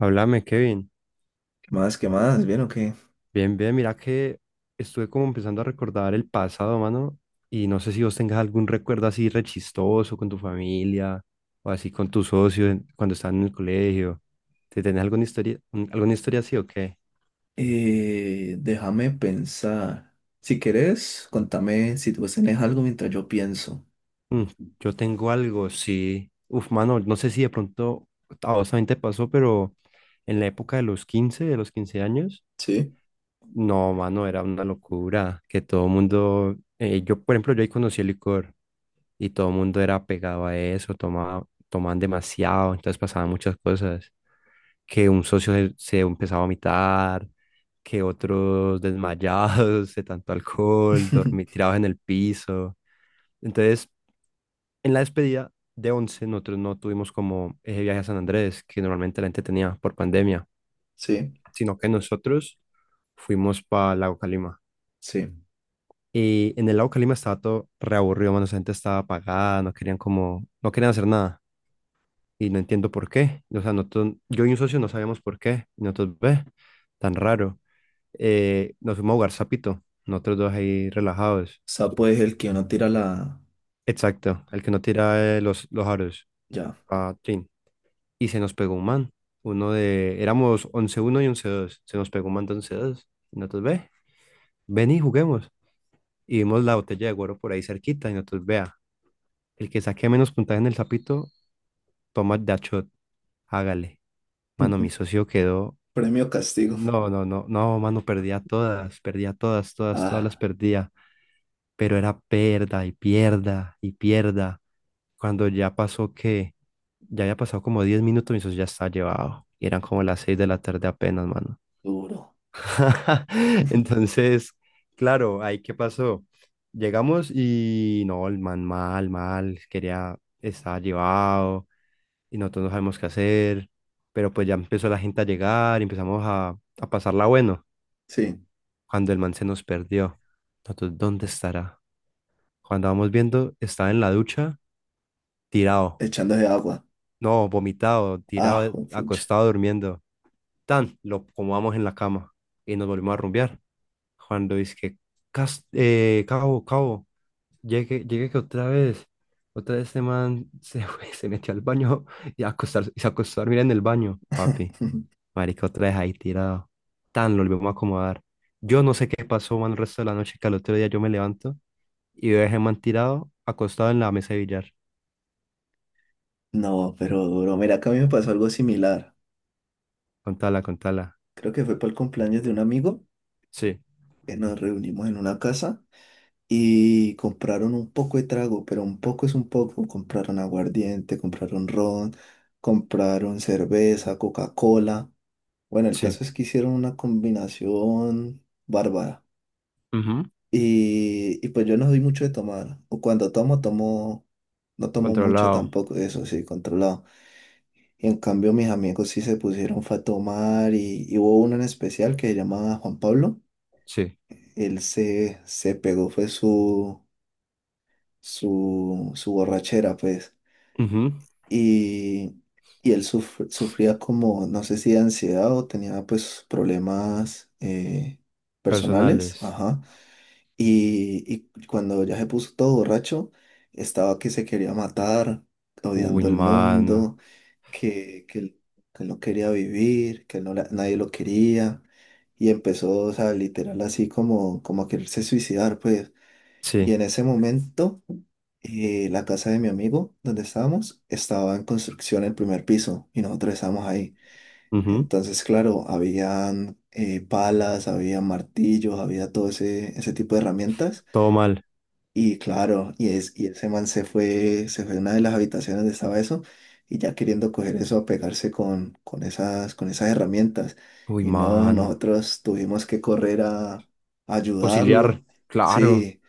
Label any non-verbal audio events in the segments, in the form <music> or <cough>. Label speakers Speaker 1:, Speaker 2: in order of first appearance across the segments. Speaker 1: Háblame, Kevin.
Speaker 2: Más que más, ¿bien o qué?
Speaker 1: Bien, bien, mira que estuve como empezando a recordar el pasado, mano, y no sé si vos tengas algún recuerdo así rechistoso con tu familia o así con tus socios cuando estaban en el colegio. ¿Te tenés alguna historia así o qué?
Speaker 2: Déjame pensar. Si querés, contame si vos tenés algo mientras yo pienso.
Speaker 1: Mm, yo tengo algo, sí. Uf, mano, no sé si de pronto a vos también te pasó, pero en la época de los quince años,
Speaker 2: Sí,
Speaker 1: no, mano, era una locura que todo el mundo, yo, por ejemplo, yo ahí conocí el licor. Y todo el mundo era pegado a eso, tomaba, tomaban demasiado, entonces pasaban muchas cosas, que un socio se empezaba a vomitar, que otros desmayados de tanto alcohol, dormir
Speaker 2: <laughs>
Speaker 1: tirados en el piso. Entonces, en la despedida de 11 nosotros no tuvimos como ese viaje a San Andrés, que normalmente la gente tenía por pandemia,
Speaker 2: sí.
Speaker 1: sino que nosotros fuimos para Lago Calima.
Speaker 2: Sí. O
Speaker 1: Y en el Lago Calima estaba todo reaburrido, mano, la gente estaba apagada, no querían hacer nada. Y no entiendo por qué. O sea, nosotros, yo y un socio no sabíamos por qué. Y nosotros, ve, tan raro. Nos fuimos a jugar sapito, nosotros dos ahí relajados.
Speaker 2: sea, pues el que uno tira la...
Speaker 1: Exacto, el que no tira los aros.
Speaker 2: Ya.
Speaker 1: Ah, trin. Y se nos pegó un man. Uno de, éramos once uno y once dos. Se nos pegó un man de 11-2. Y nosotros, ve, ven y juguemos. Y vimos la botella de guaro por ahí cerquita. Y nosotros, vea, el que saque menos puntaje en el sapito, toma de a shot. Hágale. Mano, mi
Speaker 2: <laughs>
Speaker 1: socio quedó.
Speaker 2: Premio castigo.
Speaker 1: No, no, no, no, mano, perdía todas, todas, todas las
Speaker 2: Ah,
Speaker 1: perdía, pero era perda y pierda y pierda. Cuando ya pasó que, ya había pasado como 10 minutos, mi socio ya estaba llevado. Y eran como las 6 de la tarde apenas, mano.
Speaker 2: duro.
Speaker 1: <laughs>
Speaker 2: <laughs>
Speaker 1: Entonces, claro, ahí qué pasó. Llegamos y no, el man mal, mal, quería, estaba llevado y nosotros no sabemos qué hacer, pero pues ya empezó la gente a llegar y empezamos a pasarla bueno.
Speaker 2: Sí,
Speaker 1: Cuando el man se nos perdió. Nosotros, ¿dónde estará? Cuando vamos viendo, estaba en la ducha, tirado.
Speaker 2: echando de agua.
Speaker 1: No, vomitado, tirado,
Speaker 2: Ah, pucha.
Speaker 1: acostado, durmiendo. Tan, lo acomodamos en la cama y nos volvimos a rumbear. Cuando dice que, "Cabo, cabo, llegue, llegue que otra vez este man <laughs> se metió al baño y se acostó a dormir en el baño, papi.
Speaker 2: <laughs>
Speaker 1: Marica, otra vez ahí tirado. Tan, lo volvimos a acomodar. Yo no sé qué pasó, man, el resto de la noche, que al otro día yo me levanto y lo dejé man tirado, acostado en la mesa de billar.
Speaker 2: No, pero duro. Mira, que a mí me pasó algo similar.
Speaker 1: Contala, contala.
Speaker 2: Creo que fue para el cumpleaños de un amigo
Speaker 1: Sí,
Speaker 2: que nos reunimos en una casa. Y compraron un poco de trago, pero un poco es un poco. Compraron aguardiente, compraron ron, compraron cerveza, Coca-Cola. Bueno, el
Speaker 1: sí.
Speaker 2: caso es que hicieron una combinación bárbara.
Speaker 1: Ujú.
Speaker 2: Y pues yo no soy mucho de tomar, o cuando tomo, tomo, no tomo mucho
Speaker 1: Controlado.
Speaker 2: tampoco, eso sí, controlado. Y en cambio mis amigos sí se pusieron fue a tomar y hubo uno en especial que se llamaba Juan Pablo.
Speaker 1: Sí.
Speaker 2: Él se pegó, fue su borrachera, pues.
Speaker 1: Ujú.
Speaker 2: Y, y él sufría como, no sé si de ansiedad o tenía pues problemas personales,
Speaker 1: Personales.
Speaker 2: ajá. Y, y cuando ya se puso todo borracho, estaba que se quería matar,
Speaker 1: Uy,
Speaker 2: odiando el
Speaker 1: mano.
Speaker 2: mundo, que, que, él- que él no quería vivir, que él no nadie lo quería. Y empezó, o sea, literal así como, como a quererse suicidar, pues. Y
Speaker 1: Sí.
Speaker 2: en ese momento, la casa de mi amigo, donde estábamos, estaba en construcción el primer piso y nosotros estábamos ahí.
Speaker 1: Ujú.
Speaker 2: Entonces, claro, habían palas, había martillos, había todo ese, ese tipo de herramientas.
Speaker 1: Todo mal.
Speaker 2: Y claro, y ese man se fue a una de las habitaciones donde estaba eso y ya queriendo coger eso a pegarse con esas herramientas.
Speaker 1: Uy,
Speaker 2: Y no,
Speaker 1: mano.
Speaker 2: nosotros tuvimos que correr a
Speaker 1: Auxiliar.
Speaker 2: ayudarlo.
Speaker 1: Claro.
Speaker 2: Sí.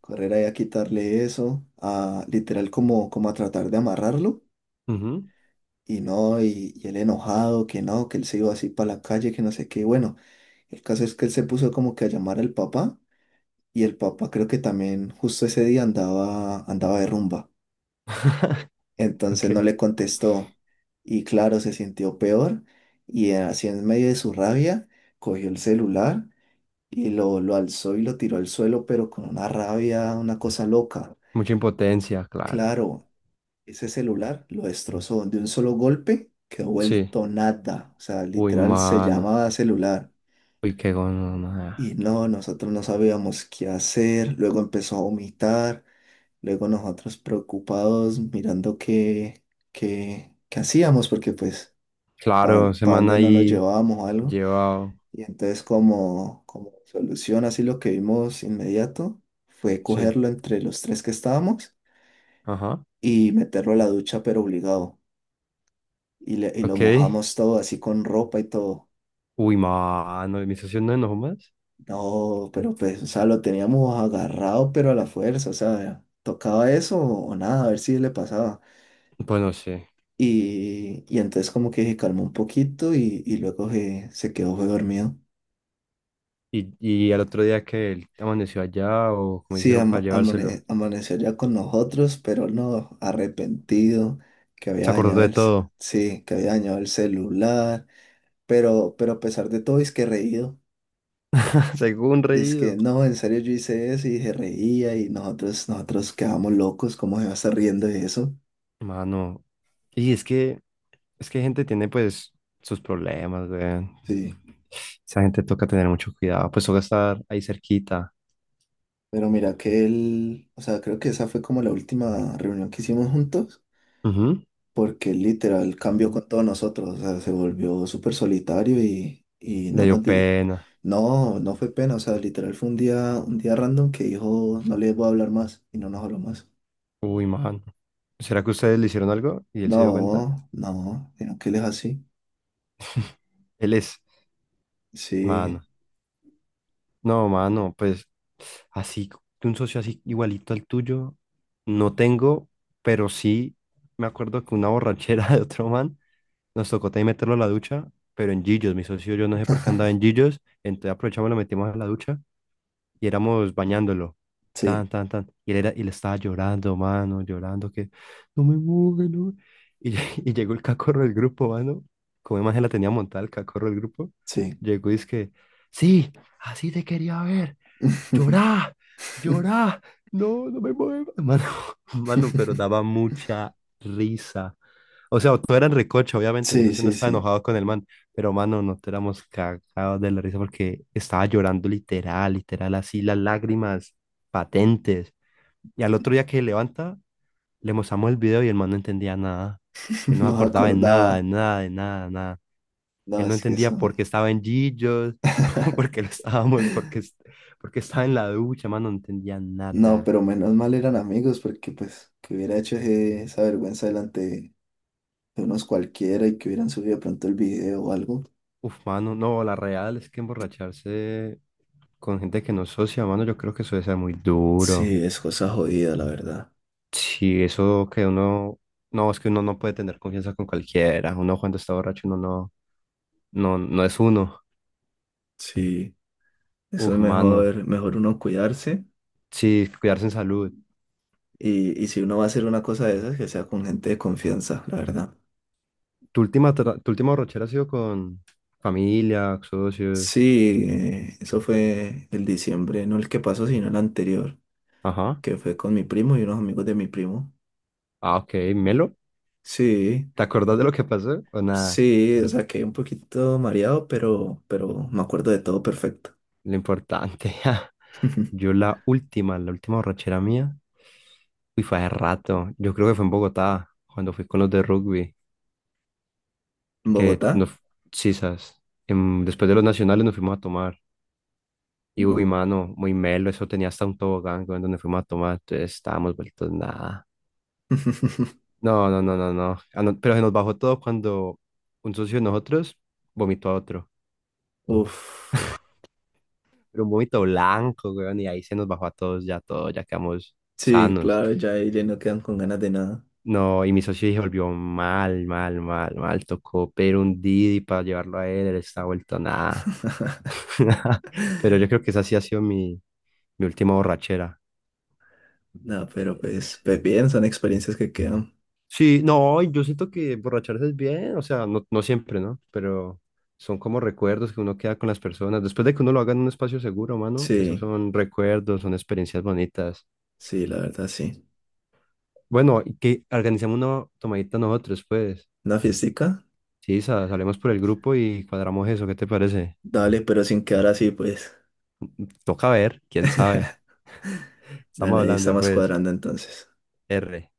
Speaker 2: Correr ahí a quitarle eso, a literal como, como a tratar de amarrarlo.
Speaker 1: Ujú.
Speaker 2: Y no, y él enojado, que no, que él se iba así para la calle, que no sé qué. Bueno, el caso es que él se puso como que a llamar al papá y el papá creo que también justo ese día andaba de rumba.
Speaker 1: Ok.
Speaker 2: Entonces no le contestó y claro, se sintió peor y así en medio de su rabia cogió el celular y lo alzó y lo tiró al suelo, pero con una rabia, una cosa loca.
Speaker 1: Mucha impotencia, claro.
Speaker 2: Claro, ese celular lo destrozó de un solo golpe, quedó
Speaker 1: Sí.
Speaker 2: vuelto nada. O sea,
Speaker 1: Uy,
Speaker 2: literal se
Speaker 1: mano.
Speaker 2: llamaba celular.
Speaker 1: Uy, qué gonorrea.
Speaker 2: Y no, nosotros no sabíamos qué hacer. Luego empezó a vomitar. Luego nosotros preocupados mirando qué hacíamos, porque pues, ¿para
Speaker 1: Claro, semana
Speaker 2: dónde no lo
Speaker 1: ahí
Speaker 2: llevábamos o algo?
Speaker 1: llevado.
Speaker 2: Y entonces como, como solución, así lo que vimos inmediato fue
Speaker 1: Sí.
Speaker 2: cogerlo entre los tres que estábamos
Speaker 1: Ajá.
Speaker 2: y meterlo a la ducha, pero obligado. Y, y lo
Speaker 1: Ok.
Speaker 2: mojamos todo así con ropa y todo.
Speaker 1: Uy, mano. ¿Y mi socio no enojó más?
Speaker 2: No, pero pues, o sea, lo teníamos agarrado, pero a la fuerza, o sea, tocaba eso o nada, a ver si le pasaba.
Speaker 1: Pues no sé.
Speaker 2: Y entonces como que se calmó un poquito y luego se quedó fue dormido.
Speaker 1: Y al otro día que él amaneció allá o cómo
Speaker 2: Sí,
Speaker 1: hicieron para llevárselo.
Speaker 2: amaneció ya con nosotros, pero no, arrepentido que había
Speaker 1: Se acordó
Speaker 2: dañado
Speaker 1: de todo.
Speaker 2: sí, que había dañado el celular, pero a pesar de todo es que reído.
Speaker 1: <laughs> Según
Speaker 2: Dice que
Speaker 1: reído.
Speaker 2: no, en serio yo hice eso y se reía y nosotros quedábamos locos, ¿cómo se va a estar riendo de eso?
Speaker 1: Mano. Y es que gente tiene pues sus problemas, weón.
Speaker 2: Sí,
Speaker 1: Esa gente toca tener mucho cuidado. Pues toca estar ahí cerquita.
Speaker 2: pero mira que él, o sea, creo que esa fue como la última reunión que hicimos juntos,
Speaker 1: Ujú.
Speaker 2: porque él literal cambió con todos nosotros, o sea, se volvió súper solitario y
Speaker 1: Le
Speaker 2: no
Speaker 1: dio
Speaker 2: nos diré.
Speaker 1: pena.
Speaker 2: No, no fue pena, o sea, literal fue un día random que dijo, no les voy a hablar más y no nos habló más.
Speaker 1: Uy, mano. ¿Será que ustedes le hicieron algo y él se dio cuenta?
Speaker 2: No, no, sino que él es así.
Speaker 1: Él es,
Speaker 2: Sí,
Speaker 1: mano. No, mano, pues así, de un socio así igualito al tuyo, no tengo, pero sí me acuerdo que una borrachera <laughs> de otro man nos tocó también meterlo a la ducha, pero en Gillos, mi socio yo no sé por qué andaba en Gillos, entonces aprovechamos, lo metimos a la ducha y éramos bañándolo, tan,
Speaker 2: sí,
Speaker 1: tan, tan, y él estaba llorando, mano, llorando, que no me moje, no. <laughs> Y llegó el cacorro del grupo, mano, como imagen la tenía montada el cacorro del grupo,
Speaker 2: sí.
Speaker 1: llegó y es que, sí, así te quería ver
Speaker 2: <laughs>
Speaker 1: llorá, llorá, no, no me muevas, mano, <laughs> mano, pero daba
Speaker 2: <laughs>
Speaker 1: mucha risa. O sea, todo era en recocha, obviamente, mi
Speaker 2: Sí,
Speaker 1: socio no
Speaker 2: sí,
Speaker 1: estaba
Speaker 2: sí.
Speaker 1: enojado con el man, pero mano, nos éramos cagados de la risa porque estaba llorando literal, literal, así las lágrimas patentes. Y al otro día que se levanta, le mostramos el video y el man no entendía nada. Él
Speaker 2: <laughs>
Speaker 1: no se
Speaker 2: No
Speaker 1: acordaba de nada, de
Speaker 2: acordaba.
Speaker 1: nada, de nada, de nada.
Speaker 2: No,
Speaker 1: Él no
Speaker 2: es que
Speaker 1: entendía
Speaker 2: son.
Speaker 1: por qué estaba en Gillos, <laughs> por qué
Speaker 2: <laughs>
Speaker 1: lo estábamos, por qué estaba en la ducha, mano, no entendía
Speaker 2: No,
Speaker 1: nada.
Speaker 2: pero menos mal eran amigos porque pues que hubiera hecho esa vergüenza delante de unos cualquiera y que hubieran subido pronto el video o algo.
Speaker 1: Uf, mano, no, la real es que emborracharse con gente que no es socia, mano, yo creo que eso debe ser muy duro.
Speaker 2: Sí, es cosa jodida, la verdad.
Speaker 1: Sí, eso que uno, no, es que uno no puede tener confianza con cualquiera. Uno cuando está borracho, uno no, no, no es uno.
Speaker 2: Sí, eso es
Speaker 1: Uf, mano,
Speaker 2: mejor, mejor uno cuidarse
Speaker 1: sí, cuidarse en salud.
Speaker 2: y si uno va a hacer una cosa de esas, que sea con gente de confianza, la verdad.
Speaker 1: Tu última borrachera ha sido con familia, socios.
Speaker 2: Sí, eso fue el diciembre, no el que pasó, sino el anterior.
Speaker 1: Ajá.
Speaker 2: Que fue con mi primo y unos amigos de mi primo.
Speaker 1: Ah, ok, Melo.
Speaker 2: Sí,
Speaker 1: ¿Te acordás de lo que pasó? O nada,
Speaker 2: sí, o sea, quedé un poquito mareado, pero me acuerdo de todo perfecto.
Speaker 1: lo importante. <laughs>
Speaker 2: <laughs> ¿En
Speaker 1: Yo la última borrachera mía, uy, fue hace rato. Yo creo que fue en Bogotá, cuando fui con los de rugby, que
Speaker 2: Bogotá?
Speaker 1: nos, sí, sabes, después de los nacionales nos fuimos a tomar. Y uy,
Speaker 2: No.
Speaker 1: mano, muy melo, eso tenía hasta un tobogán con donde fuimos a tomar, entonces estábamos vueltos nada.
Speaker 2: <laughs>
Speaker 1: No, no, no, no, no. Ah, no, pero se nos bajó todo cuando un socio de nosotros vomitó a otro.
Speaker 2: Uf,
Speaker 1: Pero un vómito blanco, weón, y ahí se nos bajó a todos ya todo, ya quedamos
Speaker 2: sí,
Speaker 1: sanos.
Speaker 2: claro, ya ahí ya no quedan con ganas de nada.
Speaker 1: No, y mi socio se volvió mal, mal, mal, mal. Tocó pero un Didi para llevarlo a él, él está vuelto nada. <laughs> Pero yo
Speaker 2: <laughs>
Speaker 1: creo que esa sí ha sido mi última borrachera.
Speaker 2: No,
Speaker 1: Eh,
Speaker 2: pero pues,
Speaker 1: eh,
Speaker 2: pues bien, son experiencias que quedan.
Speaker 1: Sí, no, y yo siento que borracharse es bien, o sea, no, no siempre, ¿no? Pero son como recuerdos que uno queda con las personas. Después de que uno lo haga en un espacio seguro, mano, esos
Speaker 2: Sí,
Speaker 1: son recuerdos, son experiencias bonitas.
Speaker 2: sí, la verdad, sí.
Speaker 1: Bueno, y que organicemos una tomadita nosotros, pues.
Speaker 2: ¿Una fiestica?
Speaker 1: Sí, salimos por el grupo y cuadramos eso, ¿qué te parece?
Speaker 2: Dale, pero sin quedar así, pues.
Speaker 1: Toca ver, quién sabe.
Speaker 2: <laughs>
Speaker 1: Estamos
Speaker 2: Dale, ahí
Speaker 1: hablando,
Speaker 2: estamos
Speaker 1: pues,
Speaker 2: cuadrando entonces.
Speaker 1: R.